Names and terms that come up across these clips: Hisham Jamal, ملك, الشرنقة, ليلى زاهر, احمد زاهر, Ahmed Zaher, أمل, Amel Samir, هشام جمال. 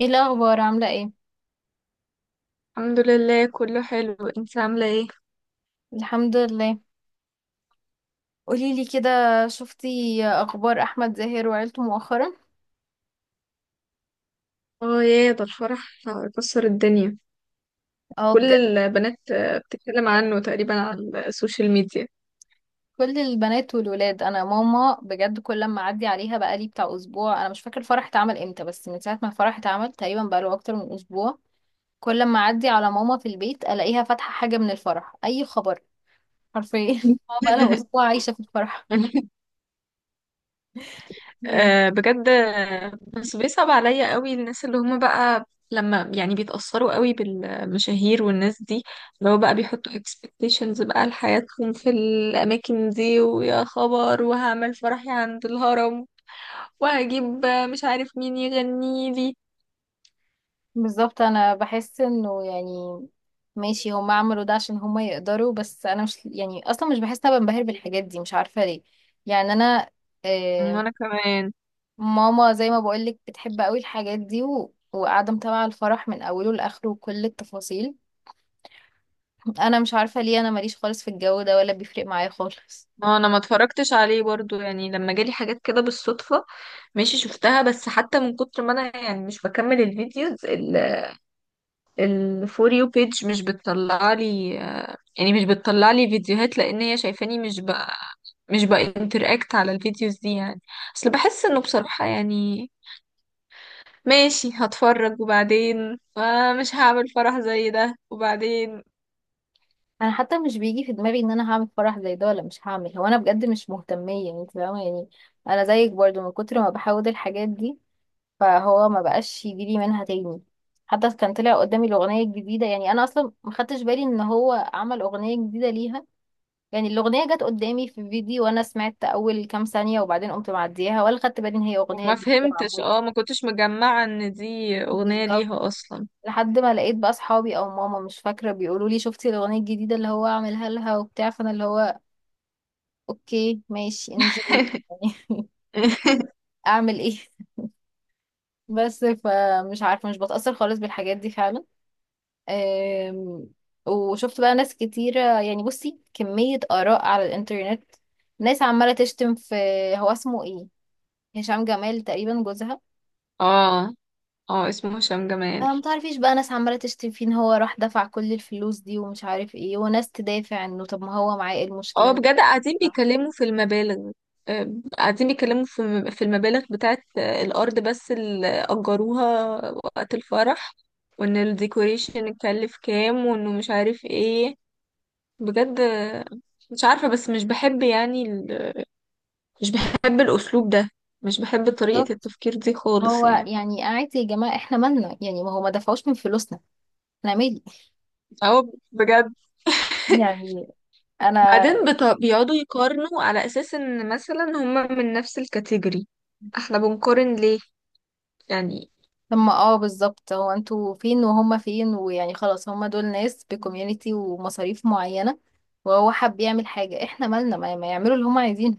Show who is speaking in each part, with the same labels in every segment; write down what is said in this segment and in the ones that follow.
Speaker 1: ايه الاخبار عامله ايه؟
Speaker 2: الحمد لله، كله حلو. انت عاملة ايه؟
Speaker 1: الحمد لله. قولي لي كده. شفتي اخبار احمد زاهر وعيلته مؤخرا؟
Speaker 2: اه، يا ده الفرح كسر الدنيا.
Speaker 1: اه
Speaker 2: كل
Speaker 1: بجد.
Speaker 2: البنات بتتكلم عنه تقريبا على السوشيال ميديا.
Speaker 1: كل البنات والولاد، انا ماما بجد كل لما اعدي عليها بقالي بتاع اسبوع، انا مش فاكر الفرح اتعمل امتى بس من ساعه ما الفرح اتعمل تقريبا بقاله اكتر من اسبوع. كل لما اعدي على ماما في البيت الاقيها فاتحه حاجه من الفرح، اي خبر. حرفيا ماما بقالها اسبوع عايشه في الفرح.
Speaker 2: بجد. بس بيصعب عليا قوي الناس اللي هم بقى لما يعني بيتأثروا قوي بالمشاهير والناس دي، اللي هو بقى بيحطوا expectations بقى لحياتهم في الأماكن دي، ويا خبر وهعمل فرحي عند الهرم وهجيب مش عارف مين يغني لي.
Speaker 1: بالظبط، انا بحس انه يعني ماشي، هم عملوا ده عشان هم يقدروا، بس انا مش يعني اصلا مش بحس ان انا بنبهر بالحاجات دي، مش عارفه ليه. يعني انا آه،
Speaker 2: وانا كمان.
Speaker 1: ماما زي ما بقول لك بتحب قوي الحاجات دي وقاعده متابعه الفرح من اوله لاخره وكل التفاصيل. انا مش عارفه ليه، انا ماليش خالص في الجو ده ولا بيفرق معايا خالص.
Speaker 2: اه، انا ما اتفرجتش عليه برضو، يعني لما جالي حاجات كده بالصدفة ماشي شفتها، بس حتى من كتر ما انا يعني مش بكمل الفيديوز، الفور يو بيج مش بتطلع لي، يعني مش بتطلع لي فيديوهات لان هي شايفاني مش بانتراكت على الفيديوز دي يعني. اصل بحس انه بصراحة يعني ماشي هتفرج، وبعدين مش هعمل فرح زي ده وبعدين.
Speaker 1: انا حتى مش بيجي في دماغي ان انا هعمل فرح زي ده ولا مش هعمل، هو انا بجد مش مهتميه، انت فاهمه يعني. انا زيك برضو من كتر ما بحاول الحاجات دي فهو ما بقاش يجيلي منها تاني. حتى كان طلع قدامي الأغنية الجديدة، يعني أنا أصلا ما خدتش بالي إن هو عمل أغنية جديدة ليها. يعني الأغنية جت قدامي في فيديو وأنا سمعت أول كام ثانية وبعدين قمت معديها ولا خدت بالي إن هي أغنية
Speaker 2: وما
Speaker 1: جديدة
Speaker 2: فهمتش،
Speaker 1: معمولة.
Speaker 2: ما كنتش مجمعة ان دي اغنية
Speaker 1: بالظبط.
Speaker 2: ليها اصلا.
Speaker 1: لحد ما لقيت بقى أصحابي أو ماما مش فاكرة بيقولوا لي شفتي الأغنية الجديدة اللي هو عاملها لها وبتاع، فأنا اللي هو أوكي ماشي انجوي يعني، أعمل إيه بس فمش عارفة، مش بتأثر خالص بالحاجات دي فعلا. آم، وشفت بقى ناس كتيرة، يعني بصي كمية آراء على الإنترنت، ناس عمالة تشتم في... هو اسمه ايه؟ هشام جمال تقريبا، جوزها.
Speaker 2: اه. اه، اسمه هشام جمال.
Speaker 1: أنا متعرفيش بقى، ناس عمالة تشتم فيه إن هو راح دفع كل الفلوس دي ومش عارف ايه، وناس تدافع إنه طب ما هو معاه ايه المشكلة
Speaker 2: اه،
Speaker 1: إنه
Speaker 2: بجد قاعدين
Speaker 1: يدفع؟
Speaker 2: بيتكلموا في المبالغ. آه، قاعدين بيتكلموا في المبالغ بتاعت الأرض بس اللي أجروها وقت الفرح، وإن الديكوريشن اتكلف كام وإنه مش عارف ايه. بجد. مش عارفة، بس مش بحب يعني مش بحب الأسلوب ده، مش بحب طريقة
Speaker 1: بالظبط.
Speaker 2: التفكير دي خالص
Speaker 1: هو
Speaker 2: يعني.
Speaker 1: يعني قاعد يا جماعة احنا مالنا يعني، ما هو ما دفعوش من فلوسنا. احنا مالي
Speaker 2: اه، بجد.
Speaker 1: يعني. أنا
Speaker 2: بعدين بيقعدوا يقارنوا على أساس إن مثلا هما من نفس الكاتيجوري. احنا بنقارن ليه يعني؟
Speaker 1: لما بالظبط، هو انتوا فين وهما فين، ويعني خلاص هما دول ناس بكوميونتي ومصاريف معينة، وهو حب يعمل حاجة، احنا مالنا، ما يعملوا اللي هما عايزينه.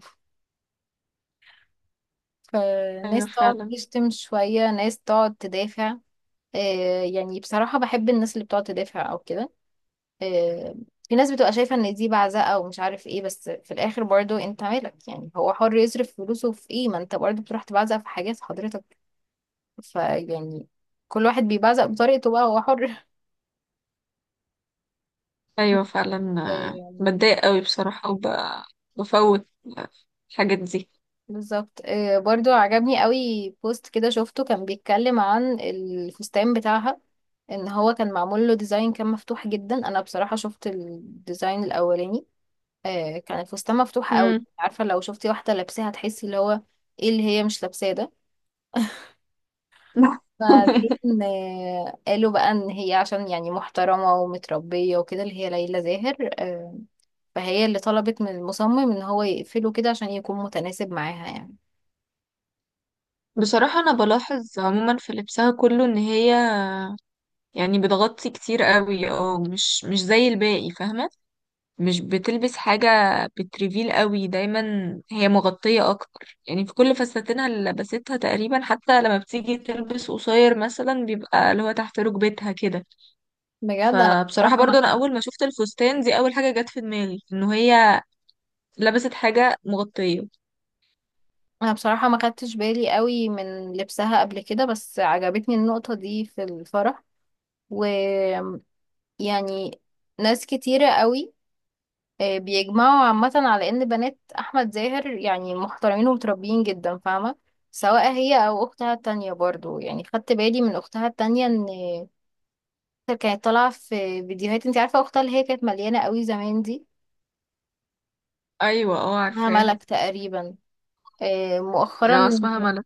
Speaker 2: أيوة
Speaker 1: فناس تقعد
Speaker 2: فعلا.
Speaker 1: تشتم شوية ناس تقعد تدافع. آه، يعني بصراحة بحب الناس اللي بتقعد تدافع او كده. آه. في ناس بتبقى شايفة ان دي بعزقة ومش عارف ايه، بس في الاخر برضو انت مالك؟ يعني هو حر يصرف فلوسه في ايه، ما انت برضو بتروح تبعزق في حاجات حضرتك، فيعني كل واحد بيبعزق بطريقته بقى، هو حر.
Speaker 2: أيوة فعلا. بتضايق قوي بصراحة وبفوت الحاجات دي.
Speaker 1: بالظبط. برضو عجبني قوي بوست كده شفته، كان بيتكلم عن الفستان بتاعها، ان هو كان معمول له ديزاين كان مفتوح جدا. انا بصراحة شفت الديزاين الاولاني. كان الفستان مفتوح قوي،
Speaker 2: مم.
Speaker 1: عارفة لو شفتي واحدة لابساها تحسي اللي هو ايه اللي هي مش لابساه ده. بعدين قالوا بقى ان هي عشان يعني محترمة ومتربية وكده، اللي هي ليلى زاهر فهي اللي طلبت من المصمم ان هو يقفله كده عشان يكون متناسب معاها يعني.
Speaker 2: بصراحة أنا بلاحظ عموما في لبسها كله إن هي يعني بتغطي كتير قوي، مش زي الباقي، فاهمة؟ مش بتلبس حاجة بتريفيل قوي دايما، هي مغطية اكتر يعني في كل فساتينها اللي لبستها تقريبا. حتى لما بتيجي تلبس قصير مثلا بيبقى اللي هو تحت ركبتها كده،
Speaker 1: بجد. انا
Speaker 2: فبصراحة
Speaker 1: بصراحة ما
Speaker 2: برضو انا اول ما شفت الفستان دي اول حاجة جت في دماغي انه هي لبست حاجة مغطية.
Speaker 1: انا بصراحة ما خدتش بالي قوي من لبسها قبل كده، بس عجبتني النقطة دي في الفرح ويعني. ناس كتيرة قوي بيجمعوا عامة على ان بنات احمد زاهر يعني محترمين ومتربيين جدا، فاهمة. سواء هي او اختها التانية برضو، يعني خدت بالي من اختها التانية ان كانت طالعة في فيديوهات. انت عارفة اختها اللي هي كانت مليانة قوي زمان دي،
Speaker 2: ايوه، اه،
Speaker 1: اسمها
Speaker 2: عارفاها.
Speaker 1: ملك تقريبا.
Speaker 2: اه،
Speaker 1: مؤخرا
Speaker 2: اسمها ملك.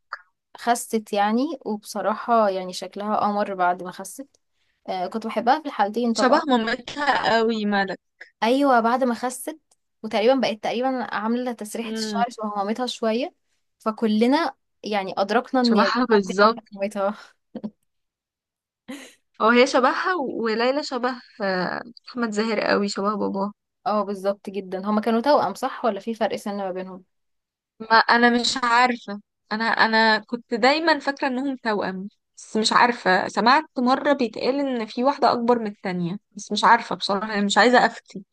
Speaker 1: خست يعني، وبصراحة يعني شكلها قمر بعد ما خست. آه، كنت بحبها في الحالتين
Speaker 2: شبه
Speaker 1: طبعا.
Speaker 2: مامتها قوي ملك.
Speaker 1: أيوة بعد ما خست، وتقريبا بقت تقريبا عاملة تسريحة
Speaker 2: امم.
Speaker 1: الشعر شبه مامتها شوية. فكلنا يعني أدركنا إن البنت
Speaker 2: شبهها
Speaker 1: دي حرفيا
Speaker 2: بالظبط.
Speaker 1: مامتها.
Speaker 2: اه، هي شبهها، وليلى شبه احمد زاهر قوي، شبه باباه.
Speaker 1: اه بالظبط جدا. هما كانوا توأم صح؟ ولا في فرق سن ما بينهم؟
Speaker 2: ما انا مش عارفه، انا كنت دايما فاكره انهم توأم، بس مش عارفه سمعت مره بيتقال ان في واحده اكبر من التانية، بس مش عارفه بصراحه، أنا مش عايزه افتي.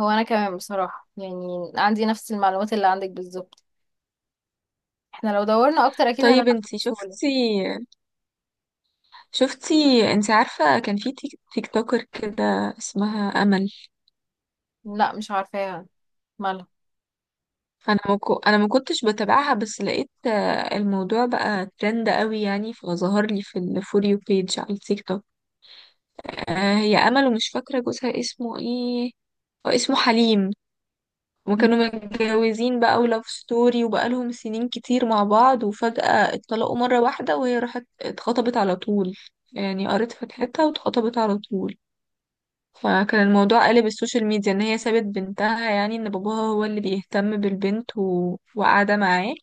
Speaker 1: هو أنا كمان بصراحة يعني عندي نفس المعلومات اللي عندك بالظبط، احنا لو دورنا أكتر أكيد هنعرف
Speaker 2: طيب انتي
Speaker 1: بسهولة.
Speaker 2: شفتي؟ شفتي، انتي عارفه كان في تيك توكر كده اسمها امل؟
Speaker 1: لا مش عارفاها، مالها؟
Speaker 2: انا ما كنتش بتابعها، بس لقيت الموضوع بقى ترند قوي يعني، فظهر لي في الفور يو بيج على التيك توك. هي امل ومش فاكره جوزها اسمه ايه، هو اسمه حليم. وكانوا متجوزين بقى ولاف ستوري، وبقالهم سنين كتير مع بعض، وفجأة اتطلقوا مرة واحدة وهي راحت اتخطبت على طول. يعني قريت فتحتها واتخطبت على طول، فكان الموضوع قلب السوشيال ميديا ان هي سابت بنتها، يعني ان باباها هو اللي بيهتم بالبنت وقاعدة معاه،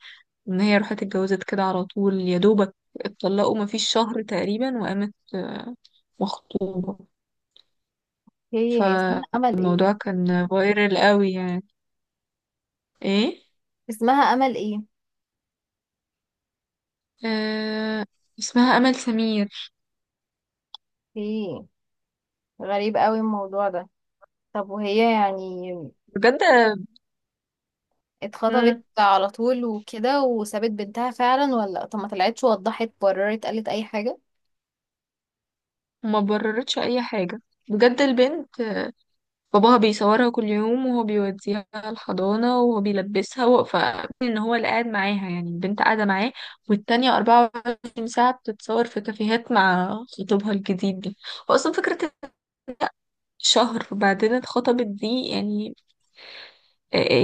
Speaker 2: ان هي راحت اتجوزت كده على طول يا دوبك. اتطلقوا مفيش شهر تقريبا وقامت مخطوبة،
Speaker 1: هي اسمها أمل
Speaker 2: فالموضوع
Speaker 1: ايه؟
Speaker 2: كان فايرال قوي يعني. ايه.
Speaker 1: اسمها أمل ايه؟
Speaker 2: آه، اسمها أمل سمير.
Speaker 1: ايه، غريب قوي الموضوع ده. طب وهي يعني
Speaker 2: بجد.
Speaker 1: اتخطبت
Speaker 2: مم.
Speaker 1: على طول وكده وسابت بنتها فعلا؟ ولا طب ما طلعتش وضحت بررت قالت اي حاجة؟
Speaker 2: ما بررتش أي حاجة، بجد. البنت باباها بيصورها كل يوم وهو بيوديها الحضانة وهو بيلبسها فإن هو اللي قاعد معاها، يعني البنت قاعدة معاه، والتانية 24 ساعة بتتصور في كافيهات مع خطيبها الجديد دي. وأصلا فكرة إن هي شهر بعدين اتخطبت دي يعني،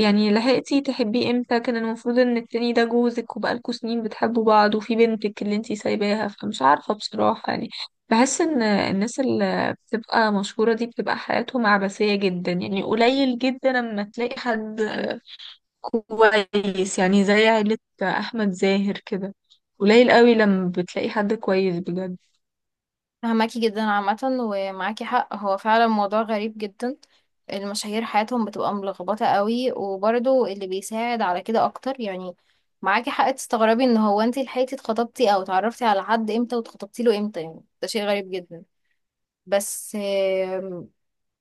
Speaker 2: يعني لحقتي تحبيه امتى؟ كان المفروض ان التاني ده جوزك وبقالكوا سنين بتحبوا بعض وفي بنتك اللي انتي سايباها. فمش عارفة بصراحة يعني، بحس ان الناس اللي بتبقى مشهورة دي بتبقى حياتهم عبثية جدا، يعني قليل جدا لما تلاقي حد كويس، يعني زي عيلة احمد زاهر كده قليل قوي لما بتلاقي حد كويس بجد.
Speaker 1: فهماكي جدا عامة، ومعاكي حق، هو فعلا موضوع غريب جدا. المشاهير حياتهم بتبقى ملخبطة قوي، وبرضو اللي بيساعد على كده اكتر يعني، معاكي حق تستغربي ان هو انتي لحقتي اتخطبتي او اتعرفتي على حد امتى واتخطبتي له امتى، يعني ده شيء غريب جدا. بس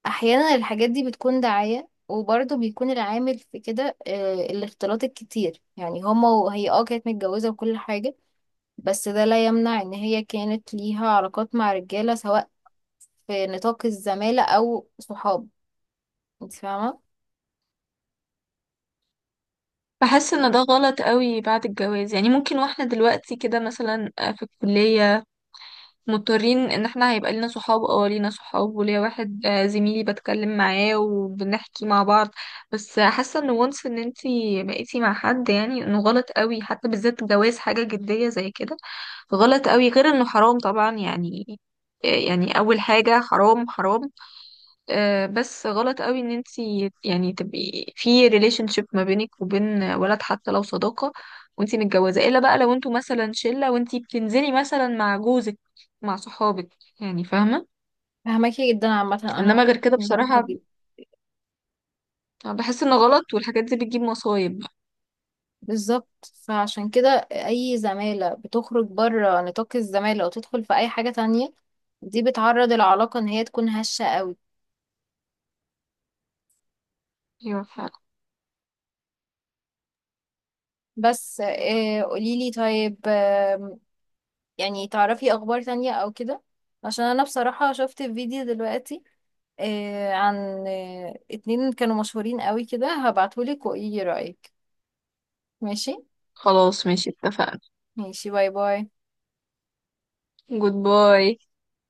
Speaker 1: احيانا الحاجات دي بتكون دعاية، وبرضه بيكون العامل في كده الاختلاط الكتير، يعني هما وهي كانت متجوزة وكل حاجة. بس ده لا يمنع ان هي كانت ليها علاقات مع رجالة، سواء في نطاق الزمالة او صحاب، انت فاهمة.
Speaker 2: بحس ان ده غلط قوي بعد الجواز. يعني ممكن واحنا دلوقتي كده مثلا في الكلية مضطرين ان احنا هيبقى لينا صحاب، وليا واحد زميلي بتكلم معاه وبنحكي مع بعض، بس حاسه ان وانس ان انتي بقيتي مع حد يعني انه غلط قوي، حتى بالذات جواز حاجه جديه زي كده غلط قوي، غير انه حرام طبعا يعني. يعني اول حاجه حرام حرام. بس غلط قوي ان انتي يعني تبقي في ريليشن شيب ما بينك وبين ولد حتى لو صداقة وانتي متجوزة، الا بقى لو انتوا مثلا شلة وانتي بتنزلي مثلا مع جوزك مع صحابك يعني، فاهمة؟
Speaker 1: فاهماكي جدا عامة، انا
Speaker 2: انما
Speaker 1: معاكي
Speaker 2: غير كده
Speaker 1: في النقطة
Speaker 2: بصراحة
Speaker 1: دي.
Speaker 2: بحس انه غلط، والحاجات دي بتجيب مصايب بقى.
Speaker 1: بالظبط. فعشان كده اي زمالة بتخرج بره نطاق الزمالة وتدخل في اي حاجة تانية، دي بتعرض العلاقة ان هي تكون هشة قوي.
Speaker 2: ايوه فعلا.
Speaker 1: بس قوليلي طيب، يعني تعرفي اخبار تانية او كده؟ عشان انا بصراحة شفت فيديو دلوقتي عن اتنين كانوا مشهورين قوي كده، هبعتهولك وايه رأيك؟ ماشي.
Speaker 2: خلاص ماشي، اتفقنا.
Speaker 1: ماشي، باي باي.
Speaker 2: جود باي.